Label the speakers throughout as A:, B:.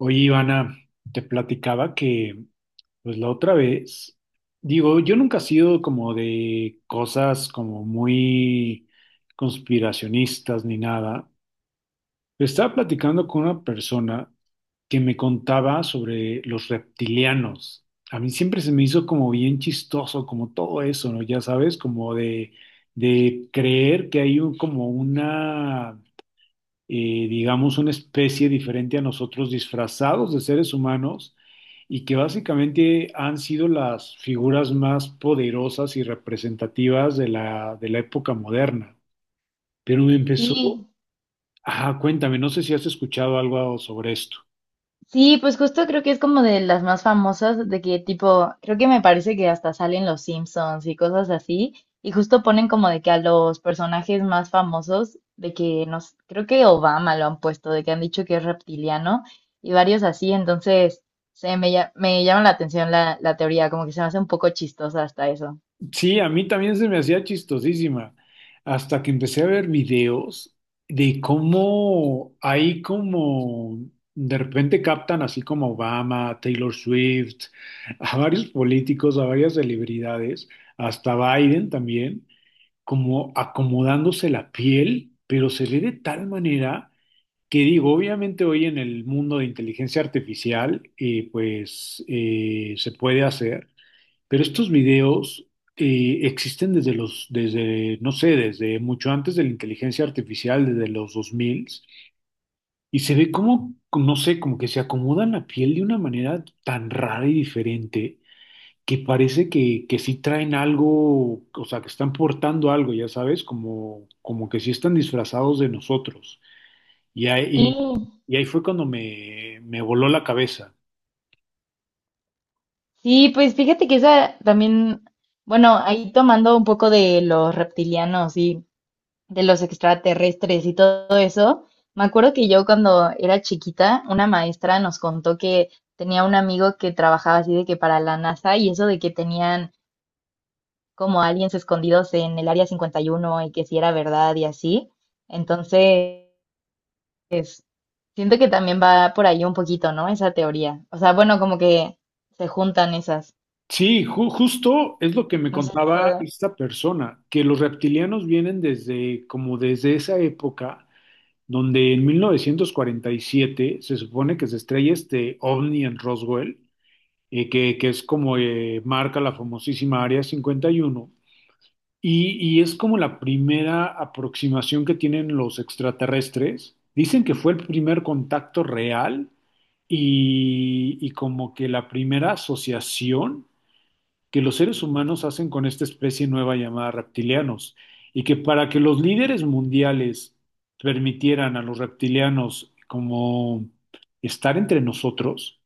A: Oye, Ivana, te platicaba que, pues la otra vez, digo, yo nunca he sido como de cosas como muy conspiracionistas ni nada. Estaba platicando con una persona que me contaba sobre los reptilianos. A mí siempre se me hizo como bien chistoso, como todo eso, ¿no? Ya sabes, como de creer que hay como una digamos, una especie diferente a nosotros, disfrazados de seres humanos, y que básicamente han sido las figuras más poderosas y representativas de la época moderna. Pero me empezó,
B: Sí,
A: ah, cuéntame, no sé si has escuchado algo sobre esto.
B: sí, pues justo creo que es como de las más famosas, de que tipo, creo que me parece que hasta salen los Simpsons y cosas así, y justo ponen como de que a los personajes más famosos, de que nos, creo que Obama lo han puesto, de que han dicho que es reptiliano y varios así, entonces me llama la atención la teoría, como que se me hace un poco chistosa hasta eso.
A: Sí, a mí también se me hacía chistosísima, hasta que empecé a ver videos de cómo hay como, de repente captan así como a Obama, a Taylor Swift, a varios políticos, a varias celebridades, hasta Biden también, como acomodándose la piel, pero se ve de tal manera que digo, obviamente hoy en el mundo de inteligencia artificial, pues se puede hacer. Pero estos videos existen desde, no sé, desde mucho antes de la inteligencia artificial, desde los 2000, y se ve como, no sé, como que se acomodan la piel de una manera tan rara y diferente que parece que sí traen algo, o sea, que están portando algo, ya sabes, como, como que sí están disfrazados de nosotros. Y
B: Sí,
A: ahí, y ahí fue cuando me voló la cabeza.
B: sí, pues fíjate que esa también, bueno, ahí tomando un poco de los reptilianos, sí. De los extraterrestres y todo eso. Me acuerdo que yo cuando era chiquita, una maestra nos contó que tenía un amigo que trabajaba así de que para la NASA y eso de que tenían como aliens escondidos en el Área 51 y uno y que si era verdad y así. Entonces, siento que también va por ahí un poquito, ¿no? Esa teoría. O sea, bueno, como que se juntan esas.
A: Sí, justo es lo que me
B: No sé si
A: contaba
B: todo.
A: esta persona, que los reptilianos vienen desde, como desde esa época, donde en 1947 se supone que se estrella este ovni en Roswell, que es como marca la famosísima Área 51, y, uno, y es como la primera aproximación que tienen los extraterrestres. Dicen que fue el primer contacto real y como que la primera asociación que los seres humanos hacen con esta especie nueva llamada reptilianos, y que para que los líderes mundiales permitieran a los reptilianos como estar entre nosotros,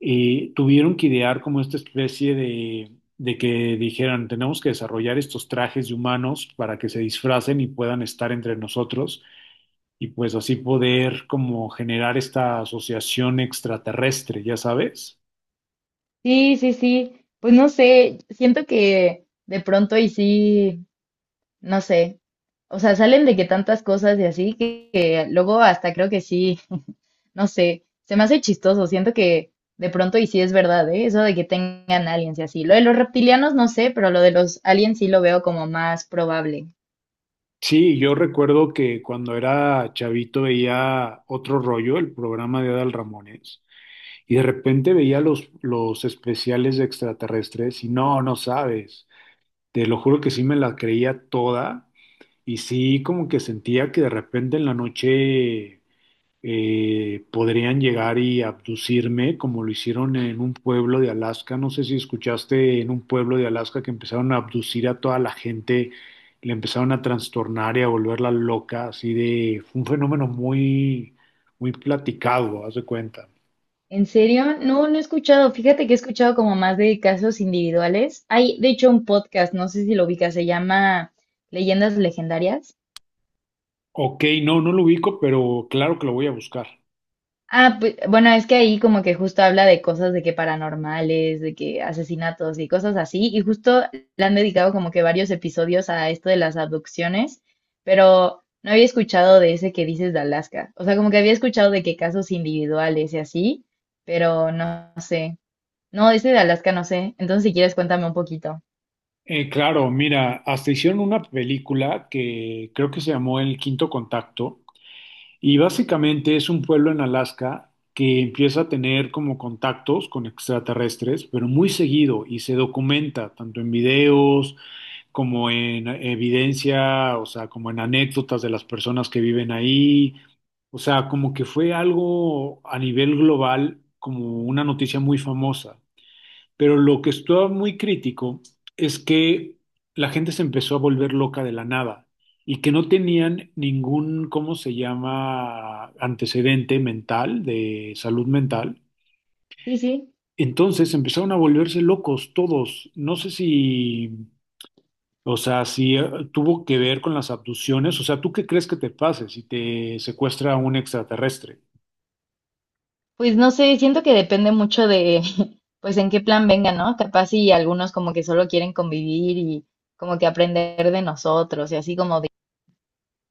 A: tuvieron que idear como esta especie de que dijeran, tenemos que desarrollar estos trajes de humanos para que se disfracen y puedan estar entre nosotros y pues así poder como generar esta asociación extraterrestre, ya sabes.
B: Sí, sí, sí. Pues no sé, siento que de pronto y sí. No sé. O sea, salen de que tantas cosas y así que luego hasta creo que sí, no sé, se me hace chistoso, siento que de pronto y sí es verdad, ¿eh? Eso de que tengan aliens y así. Lo de los reptilianos no sé, pero lo de los aliens sí lo veo como más probable.
A: Sí, yo recuerdo que cuando era chavito veía otro rollo, el programa de Adal Ramones, y de repente veía los especiales de extraterrestres y no, no sabes, te lo juro que sí me la creía toda y sí como que sentía que de repente en la noche podrían llegar y abducirme como lo hicieron en un pueblo de Alaska. No sé si escuchaste en un pueblo de Alaska que empezaron a abducir a toda la gente, le empezaron a trastornar y a volverla loca, así de, fue un fenómeno muy, muy platicado, haz de cuenta.
B: ¿En serio? No, no he escuchado. Fíjate que he escuchado como más de casos individuales. Hay, de hecho, un podcast, no sé si lo ubicas, se llama Leyendas Legendarias.
A: Ok, no, no lo ubico, pero claro que lo voy a buscar.
B: Ah, pues, bueno, es que ahí como que justo habla de cosas de que paranormales, de que asesinatos y cosas así, y justo le han dedicado como que varios episodios a esto de las abducciones, pero no había escuchado de ese que dices de Alaska. O sea, como que había escuchado de que casos individuales y así, pero no sé. No, ese de Alaska no sé. Entonces, si quieres, cuéntame un poquito.
A: Claro, mira, hasta hicieron una película que creo que se llamó El Quinto Contacto. Y básicamente es un pueblo en Alaska que empieza a tener como contactos con extraterrestres, pero muy seguido y se documenta tanto en videos como en evidencia, o sea, como en anécdotas de las personas que viven ahí. O sea, como que fue algo a nivel global, como una noticia muy famosa. Pero lo que estuvo muy crítico es que la gente se empezó a volver loca de la nada y que no tenían ningún, ¿cómo se llama?, antecedente mental, de salud mental.
B: Sí, sí.
A: Entonces empezaron a volverse locos todos. No sé si, o sea, si tuvo que ver con las abducciones. O sea, ¿tú qué crees que te pase si te secuestra un extraterrestre?
B: Pues no sé, siento que depende mucho de, pues en qué plan venga, ¿no? Capaz y algunos como que solo quieren convivir y como que aprender de nosotros y así como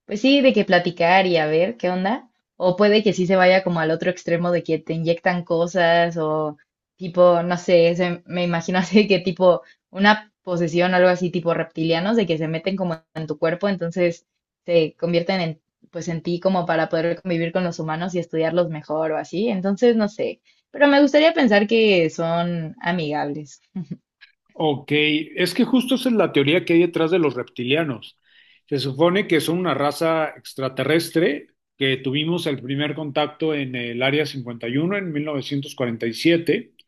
B: pues sí, de que platicar y a ver qué onda. O puede que sí se vaya como al otro extremo de que te inyectan cosas o tipo, no sé, me imagino así que tipo una posesión o algo así tipo reptilianos de que se meten como en tu cuerpo, entonces se convierten en, pues en ti como para poder convivir con los humanos y estudiarlos mejor o así. Entonces, no sé, pero me gustaría pensar que son amigables.
A: Ok, es que justo esa es la teoría que hay detrás de los reptilianos. Se supone que son una raza extraterrestre que tuvimos el primer contacto en el Área 51 en 1947 y siete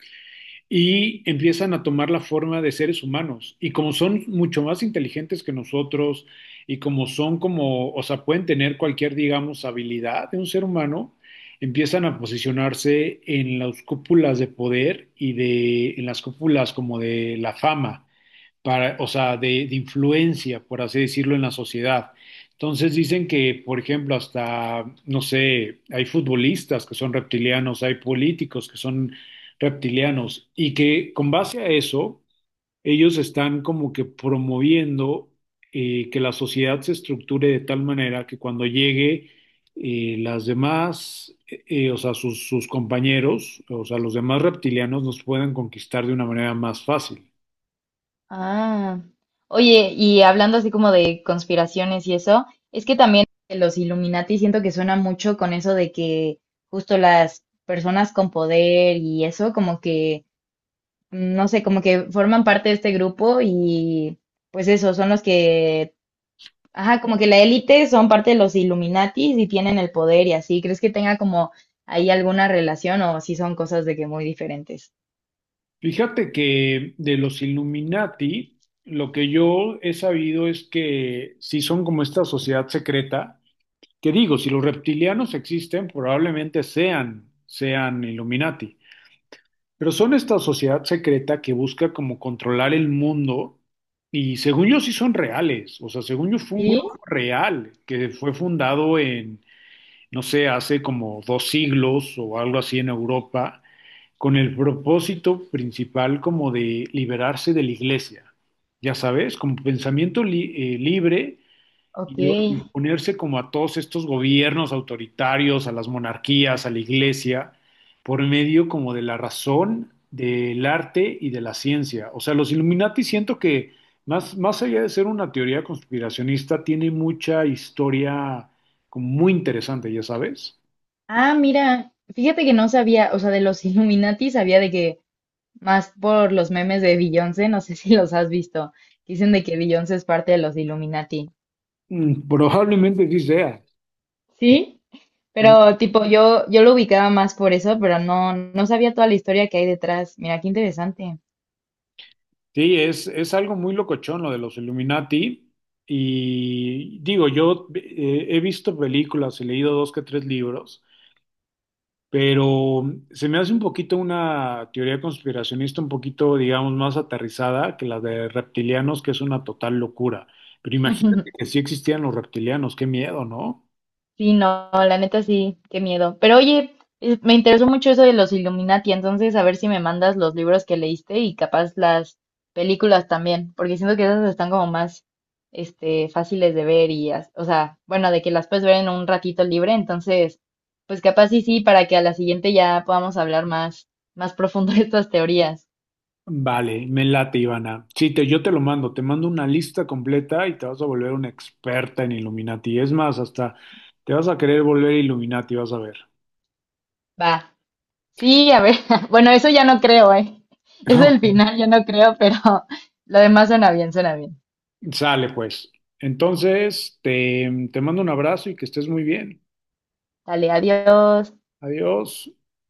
A: y empiezan a tomar la forma de seres humanos. Y como son mucho más inteligentes que nosotros y como son como, o sea, pueden tener cualquier, digamos, habilidad de un ser humano, empiezan a posicionarse en las cúpulas de poder y de, en las cúpulas como de la fama para, o sea, de, influencia, por así decirlo, en la sociedad. Entonces dicen que, por ejemplo, hasta, no sé, hay futbolistas que son reptilianos, hay políticos que son reptilianos, y que con base a eso, ellos están como que promoviendo que la sociedad se estructure de tal manera que cuando llegue las demás, o sea, sus compañeros, o sea, los demás reptilianos nos puedan conquistar de una manera más fácil.
B: Ah, oye, y hablando así como de conspiraciones y eso, es que también los Illuminati siento que suena mucho con eso de que justo las personas con poder y eso, como que, no sé, como que forman parte de este grupo y pues eso, son los que, ajá, como que la élite son parte de los Illuminati y tienen el poder y así. ¿Crees que tenga como ahí alguna relación o si son cosas de que muy diferentes?
A: Fíjate que de los Illuminati, lo que yo he sabido es que sí son como esta sociedad secreta, que digo, si los reptilianos existen, probablemente sean Illuminati, pero son esta sociedad secreta que busca como controlar el mundo y según yo sí son reales, o sea, según yo fue un grupo
B: Sí,
A: real que fue fundado en, no sé, hace como dos siglos o algo así en Europa con el propósito principal como de liberarse de la iglesia, ya sabes, como pensamiento libre
B: ok.
A: y ponerse como a todos estos gobiernos autoritarios, a las monarquías, a la iglesia, por medio como de la razón, del arte y de la ciencia. O sea, los Illuminati siento que más allá de ser una teoría conspiracionista, tiene mucha historia como muy interesante, ya sabes.
B: Ah, mira, fíjate que no sabía, o sea, de los Illuminati sabía de que más por los memes de Beyoncé, no sé si los has visto, que dicen de que Beyoncé es parte de los Illuminati.
A: Mm. Probablemente sí sea.
B: Sí,
A: ¿No?
B: pero tipo yo lo ubicaba más por eso, pero no sabía toda la historia que hay detrás. Mira, qué interesante.
A: Sí, es algo muy locochón lo de los Illuminati. Y digo, yo he visto películas, he leído dos que tres libros, pero se me hace un poquito una teoría conspiracionista, un poquito, digamos, más aterrizada que la de reptilianos, que es una total locura. Pero imagínate que sí existían los reptilianos, qué miedo, ¿no?
B: Sí, no, la neta sí, qué miedo. Pero oye, me interesó mucho eso de los Illuminati, entonces a ver si me mandas los libros que leíste y capaz las películas también, porque siento que esas están como más, este, fáciles de ver y, o sea, bueno, de que las puedes ver en un ratito libre, entonces, pues capaz sí, sí, para que a la siguiente ya podamos hablar más, más profundo de estas teorías.
A: Vale, me late, Ivana. Sí, yo te lo mando, te mando una lista completa y te vas a volver una experta en Illuminati. Es más, hasta te vas a querer volver Illuminati, vas a ver.
B: Va. Sí, a ver, bueno, eso ya no creo, ¿eh? Eso del final ya no creo, pero lo demás suena bien, suena bien.
A: Sale, pues. Entonces, te mando un abrazo y que estés muy bien.
B: Dale, adiós.
A: Adiós.